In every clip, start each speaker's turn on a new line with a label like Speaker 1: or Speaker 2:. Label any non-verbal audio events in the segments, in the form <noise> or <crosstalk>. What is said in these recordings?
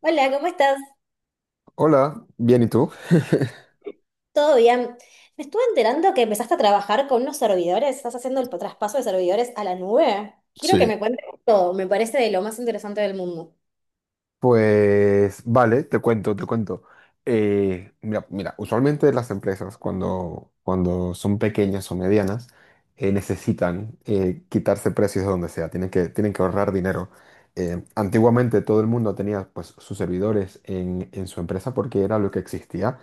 Speaker 1: Hola, ¿cómo estás?
Speaker 2: Hola, bien, ¿y tú?
Speaker 1: ¿Todo bien? Me estuve enterando que empezaste a trabajar con unos servidores, estás haciendo el traspaso de servidores a la nube. Quiero que me
Speaker 2: Sí.
Speaker 1: cuentes todo, me parece de lo más interesante del mundo.
Speaker 2: Pues vale, te cuento, te cuento. Mira, usualmente las empresas cuando son pequeñas o medianas necesitan quitarse precios de donde sea, tienen que ahorrar dinero. Antiguamente todo el mundo tenía pues, sus servidores en su empresa porque era lo que existía.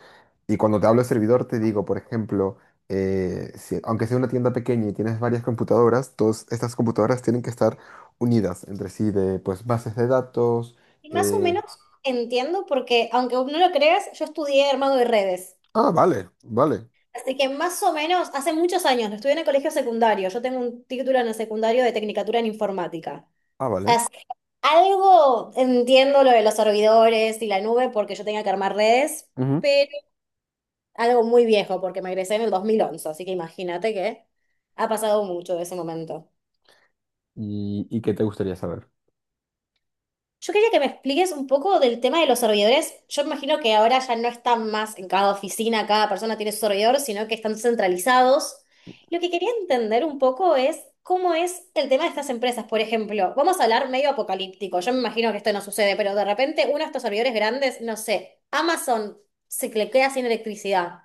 Speaker 2: Y cuando te hablo de servidor te digo, por ejemplo, aunque sea una tienda pequeña y tienes varias computadoras, todas estas computadoras tienen que estar unidas entre sí de pues, bases de datos
Speaker 1: Y más o
Speaker 2: eh,
Speaker 1: menos entiendo porque, aunque no lo creas, yo estudié armado de redes.
Speaker 2: Ah, vale, vale.
Speaker 1: Así que más o menos, hace muchos años, lo estudié en el colegio secundario. Yo tengo un título en el secundario de Tecnicatura en Informática.
Speaker 2: Ah, vale.
Speaker 1: Así que algo entiendo lo de los servidores y la nube porque yo tenía que armar redes,
Speaker 2: Ujú.
Speaker 1: algo muy viejo, porque me egresé en el 2011, así que imagínate que ha pasado mucho de ese momento.
Speaker 2: ¿Y qué te gustaría saber?
Speaker 1: Yo quería que me expliques un poco del tema de los servidores. Yo imagino que ahora ya no están más en cada oficina, cada persona tiene su servidor, sino que están centralizados. Lo que quería entender un poco es cómo es el tema de estas empresas. Por ejemplo, vamos a hablar medio apocalíptico. Yo me imagino que esto no sucede, pero de repente uno de estos servidores grandes, no sé, Amazon se le queda sin electricidad.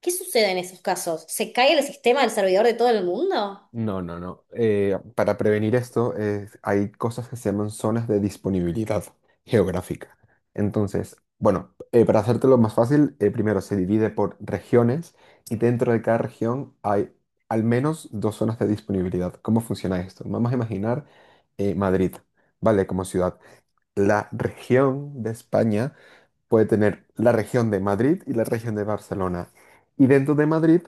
Speaker 1: ¿Qué sucede en esos casos? ¿Se cae el sistema del servidor de todo el mundo?
Speaker 2: No, no, no. Para prevenir esto, hay cosas que se llaman zonas de disponibilidad geográfica. Entonces, bueno, para hacértelo más fácil, primero se divide por regiones y dentro de cada región hay al menos dos zonas de disponibilidad. ¿Cómo funciona esto? Vamos a imaginar Madrid, ¿vale? Como ciudad. La región de España puede tener la región de Madrid y la región de Barcelona. Y dentro de Madrid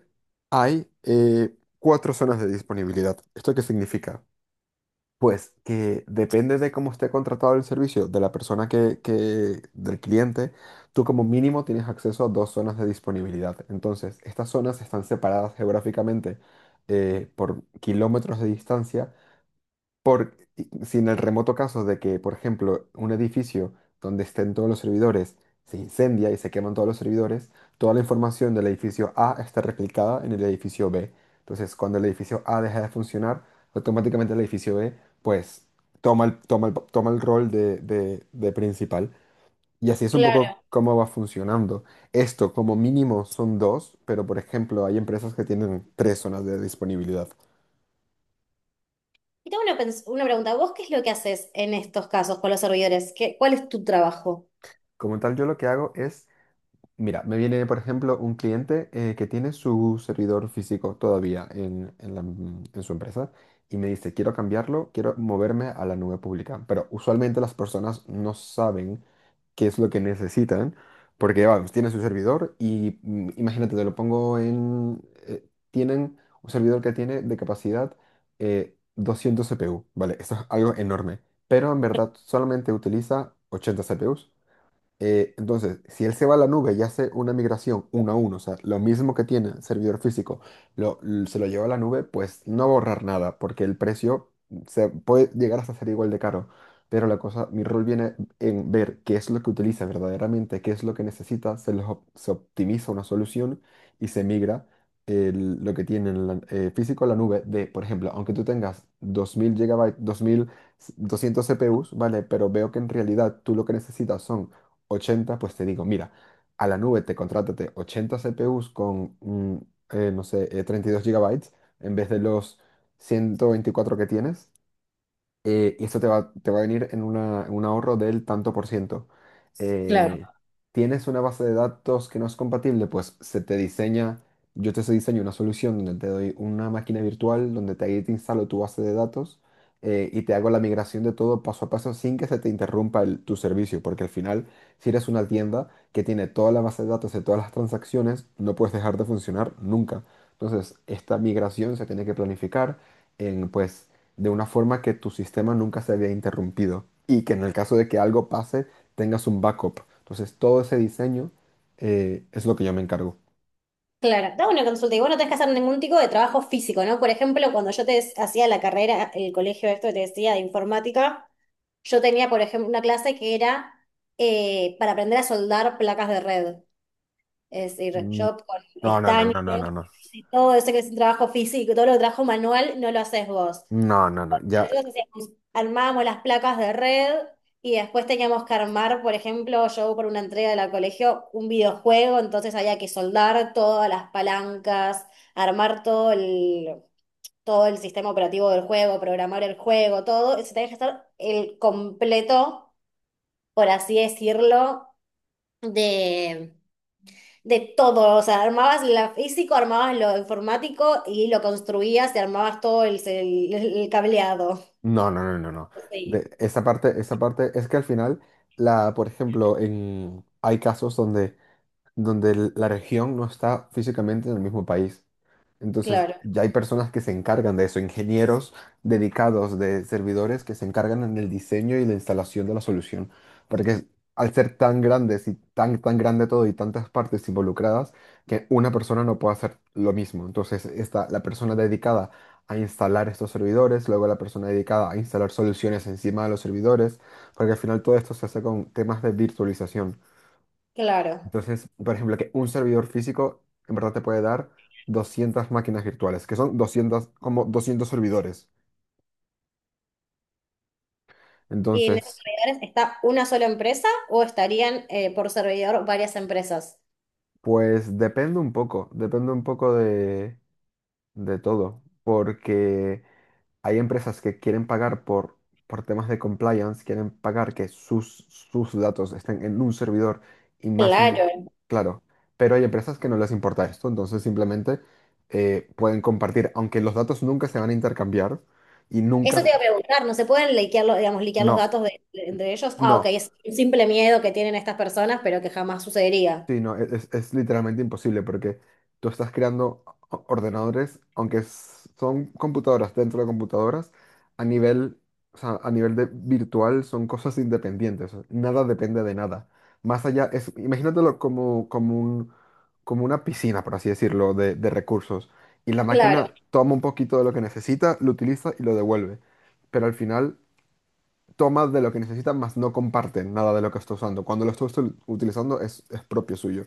Speaker 2: hay cuatro zonas de disponibilidad. ¿Esto qué significa? Pues que depende de cómo esté contratado el servicio de la persona del cliente, tú como mínimo tienes acceso a dos zonas de disponibilidad. Entonces, estas zonas están separadas geográficamente por kilómetros de distancia por, si en el remoto caso de que, por ejemplo, un edificio donde estén todos los servidores se incendia y se queman todos los servidores, toda la información del edificio A está replicada en el edificio B. Entonces, cuando el edificio A deja de funcionar, automáticamente el edificio B, pues, toma el rol de principal. Y así es un poco
Speaker 1: Claro.
Speaker 2: cómo va funcionando. Esto, como mínimo, son dos, pero, por ejemplo, hay empresas que tienen tres zonas de disponibilidad.
Speaker 1: Y tengo una, una pregunta. ¿Vos qué es lo que haces en estos casos con los servidores? ¿Qué, cuál es tu trabajo?
Speaker 2: Como tal, yo lo que hago es, mira, me viene, por ejemplo, un cliente que tiene su servidor físico todavía en su empresa y me dice, quiero cambiarlo, quiero moverme a la nube pública. Pero usualmente las personas no saben qué es lo que necesitan, porque, vamos, tiene su servidor y imagínate, te lo pongo en... eh, tienen un servidor que tiene de capacidad 200 CPU, ¿vale? Eso es algo enorme, pero en verdad solamente utiliza 80 CPUs. Entonces, si él se va a la nube y hace una migración uno a uno, o sea, lo mismo que tiene el servidor físico, se lo lleva a la nube, pues no va a ahorrar nada, porque el precio se puede llegar hasta ser igual de caro. Pero la cosa, mi rol viene en ver qué es lo que utiliza verdaderamente, qué es lo que necesita, se optimiza una solución y se migra lo que tiene en físico a la nube de, por ejemplo, aunque tú tengas 2000 GB, 2200 CPUs, ¿vale? Pero veo que en realidad tú lo que necesitas son 80, pues te digo, mira, a la nube te contrátate 80 CPUs con, no sé, 32 GB en vez de los 124 que tienes. Y esto te va a venir en un ahorro del tanto por ciento. Eh,
Speaker 1: Claro.
Speaker 2: ¿Tienes una base de datos que no es compatible? Pues se te diseña, yo te diseño una solución donde te doy una máquina virtual, donde ahí te instalo tu base de datos y te hago la migración de todo paso a paso sin que se te interrumpa tu servicio, porque al final, si eres una tienda que tiene toda la base de datos de todas las transacciones, no puedes dejar de funcionar nunca. Entonces, esta migración se tiene que planificar pues, de una forma que tu sistema nunca se había interrumpido y que en el caso de que algo pase tengas un backup. Entonces todo ese diseño es lo que yo me encargo.
Speaker 1: Claro, dame una consulta. Y vos no tenés que hacer ningún tipo de trabajo físico, ¿no? Por ejemplo, cuando yo te hacía la carrera, el colegio, esto que te decía de informática, yo tenía, por ejemplo, una clase que era para aprender a soldar placas de red. Es decir,
Speaker 2: Mm.
Speaker 1: yo con
Speaker 2: No, no, no,
Speaker 1: estaño
Speaker 2: no, no, no, no.
Speaker 1: y todo eso que es un trabajo físico, todo lo que trabajo manual, no lo haces vos.
Speaker 2: No, no, no, ya,
Speaker 1: Nosotros armábamos las placas de red y después teníamos que armar, por ejemplo, yo por una entrega de la colegio, un videojuego, entonces había que soldar todas las palancas, armar todo el sistema operativo del juego, programar el juego, todo. Se tenía que estar el completo, por así decirlo, de, de todo. O sea, armabas lo físico, armabas lo informático y lo construías y armabas todo el el cableado.
Speaker 2: no, no, no, no, no.
Speaker 1: Sí,
Speaker 2: Esa parte, esa parte es que al final, por ejemplo, hay casos donde la región no está físicamente en el mismo país. Entonces,
Speaker 1: claro.
Speaker 2: ya hay personas que se encargan de eso, ingenieros dedicados de servidores que se encargan en el diseño y la instalación de la solución. Porque al ser tan grandes y tan, tan grande todo y tantas partes involucradas, que una persona no puede hacer lo mismo. Entonces, está la persona dedicada a instalar estos servidores, luego la persona dedicada a instalar soluciones encima de los servidores, porque al final todo esto se hace con temas de virtualización.
Speaker 1: Claro.
Speaker 2: Entonces, por ejemplo, que un servidor físico en verdad te puede dar 200 máquinas virtuales, que son 200, como 200 servidores.
Speaker 1: ¿Y en esos
Speaker 2: Entonces,
Speaker 1: servidores está una sola empresa o estarían por servidor varias empresas?
Speaker 2: pues depende un poco de todo, porque hay empresas que quieren pagar por temas de compliance, quieren pagar que sus datos estén en un servidor y más, n-
Speaker 1: Claro.
Speaker 2: claro, pero hay empresas que no les importa esto, entonces simplemente pueden compartir, aunque los datos nunca se van a intercambiar y nunca.
Speaker 1: Eso te iba a preguntar, ¿no se pueden liquear los, digamos, liquear los
Speaker 2: No,
Speaker 1: datos de, de ellos? Ah, ok,
Speaker 2: no,
Speaker 1: es un simple miedo que tienen estas personas, pero que jamás sucedería.
Speaker 2: sí, no, es, literalmente imposible porque tú estás creando ordenadores, aunque son computadoras dentro de computadoras, a nivel, o sea, a nivel de virtual son cosas independientes, nada depende de nada. Más allá, es, imagínatelo como, como un, como una piscina, por así decirlo, de recursos. Y la
Speaker 1: Claro.
Speaker 2: máquina toma un poquito de lo que necesita, lo utiliza y lo devuelve. Pero al final toma de lo que necesita, más no comparte nada de lo que está usando. Cuando lo está utilizando es propio suyo.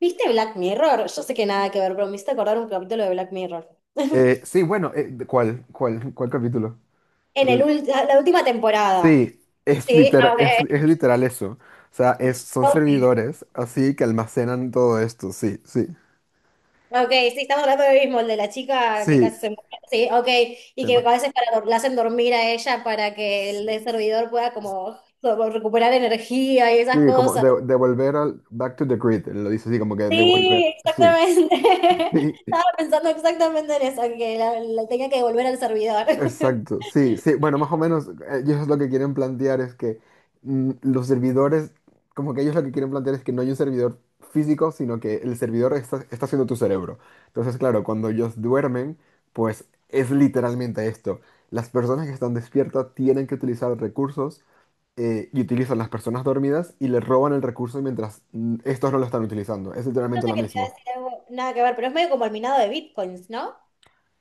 Speaker 1: ¿Viste Black Mirror? Yo sé que nada que ver, pero me hiciste acordar un capítulo de Black Mirror.
Speaker 2: Sí, bueno, ¿cuál capítulo?
Speaker 1: En el
Speaker 2: El-
Speaker 1: la última temporada.
Speaker 2: sí, es,
Speaker 1: Sí,
Speaker 2: literal eso. O sea, es, son
Speaker 1: ok.
Speaker 2: servidores, así que almacenan todo esto, sí, sí,
Speaker 1: Ok, sí, estamos hablando del mismo, el de la chica que
Speaker 2: sí.
Speaker 1: casi se muere. Sí, ok, y que
Speaker 2: Tema-
Speaker 1: a veces para, la hacen dormir a ella para que el de servidor pueda como, como recuperar energía y esas
Speaker 2: Sí, como
Speaker 1: cosas.
Speaker 2: devolver al back to the grid, lo dice así, como que devolver,
Speaker 1: Sí,
Speaker 2: sí.
Speaker 1: exactamente. <laughs> Estaba
Speaker 2: <laughs>
Speaker 1: pensando exactamente en eso, en que la tenía que devolver al servidor. <laughs>
Speaker 2: Exacto, sí, sí, bueno, más o menos ellos lo que quieren plantear es que los servidores, como que ellos lo que quieren plantear es que no hay un servidor físico, sino que el servidor está, está siendo tu cerebro. Entonces, claro, cuando ellos duermen, pues es literalmente esto. Las personas que están despiertas tienen que utilizar recursos y utilizan las personas dormidas y les roban el recurso mientras estos no lo están utilizando. Es
Speaker 1: Yo
Speaker 2: literalmente
Speaker 1: sé
Speaker 2: lo
Speaker 1: que te iba a
Speaker 2: mismo.
Speaker 1: decir algo, nada que ver, pero es medio como el minado de bitcoins, ¿no?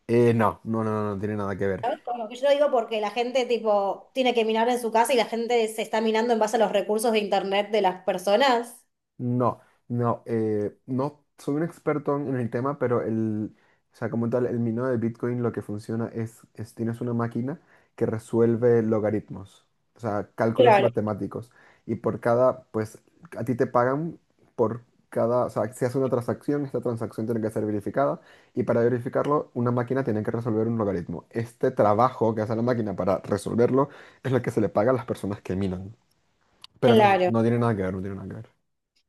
Speaker 2: No, no, no, no, no tiene nada que ver.
Speaker 1: ¿Sabes? Como que yo lo digo porque la gente tipo tiene que minar en su casa y la gente se está minando en base a los recursos de internet de las personas.
Speaker 2: No, no, no soy un experto en el tema, pero o sea, como tal, el minado de Bitcoin lo que funciona es tienes una máquina que resuelve logaritmos, o sea, cálculos
Speaker 1: Claro.
Speaker 2: matemáticos. Y por cada, pues, a ti te pagan por cada, o sea, si haces una transacción, esta transacción tiene que ser verificada. Y para verificarlo, una máquina tiene que resolver un logaritmo. Este trabajo que hace la máquina para resolverlo es lo que se le paga a las personas que minan. Pero no,
Speaker 1: Claro.
Speaker 2: no tiene nada que ver, no tiene nada que ver.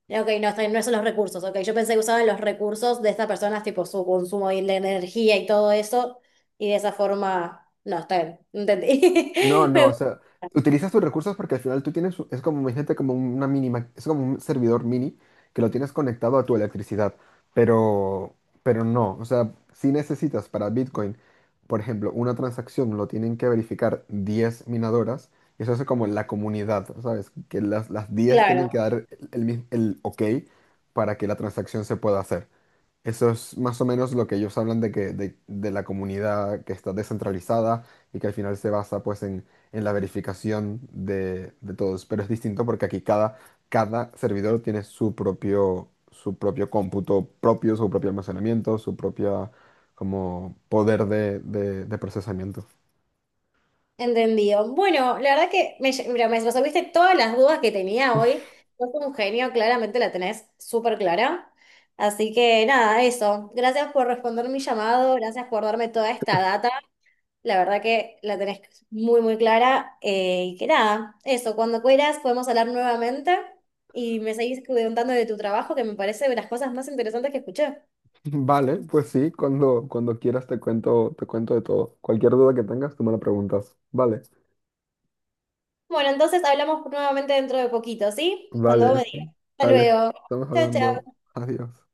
Speaker 1: Ok, no, está bien, no son los recursos. Ok, yo pensé que usaban los recursos de estas personas, tipo su consumo y la energía y todo eso, y de esa forma, no, está bien, entendí.
Speaker 2: No,
Speaker 1: <laughs>
Speaker 2: no, o
Speaker 1: Me-
Speaker 2: sea, utilizas tus recursos porque al final tú tienes, es como, imagínate, como una mínima, es como un servidor mini que lo tienes conectado a tu electricidad, pero, pero no, o sea, si necesitas para Bitcoin, por ejemplo, una transacción lo tienen que verificar 10 minadoras, y eso es como la comunidad, ¿sabes? Que las 10 tienen
Speaker 1: Claro,
Speaker 2: que dar el ok para que la transacción se pueda hacer. Eso es más o menos lo que ellos hablan de que de la comunidad que está descentralizada y que al final se basa pues en la verificación de todos. Pero es distinto porque aquí cada servidor tiene su propio cómputo propio, su propio almacenamiento, su propia como poder de procesamiento. <laughs>
Speaker 1: entendido. Bueno, la verdad que me, mira, me resolviste todas las dudas que tenía hoy. Sos un genio, claramente la tenés súper clara. Así que nada, eso. Gracias por responder mi llamado, gracias por darme toda esta data. La verdad que la tenés muy, muy clara. Y que nada, eso, cuando quieras podemos hablar nuevamente y me seguís contando de tu trabajo, que me parece de las cosas más interesantes que escuché.
Speaker 2: Vale, pues sí, cuando quieras te cuento de todo. Cualquier duda que tengas, tú me la preguntas. Vale,
Speaker 1: Bueno, entonces hablamos nuevamente dentro de poquito, ¿sí? Cuando vos
Speaker 2: vale,
Speaker 1: me digas. Hasta
Speaker 2: Alex,
Speaker 1: luego.
Speaker 2: estamos
Speaker 1: Chao,
Speaker 2: hablando.
Speaker 1: chao.
Speaker 2: Adiós.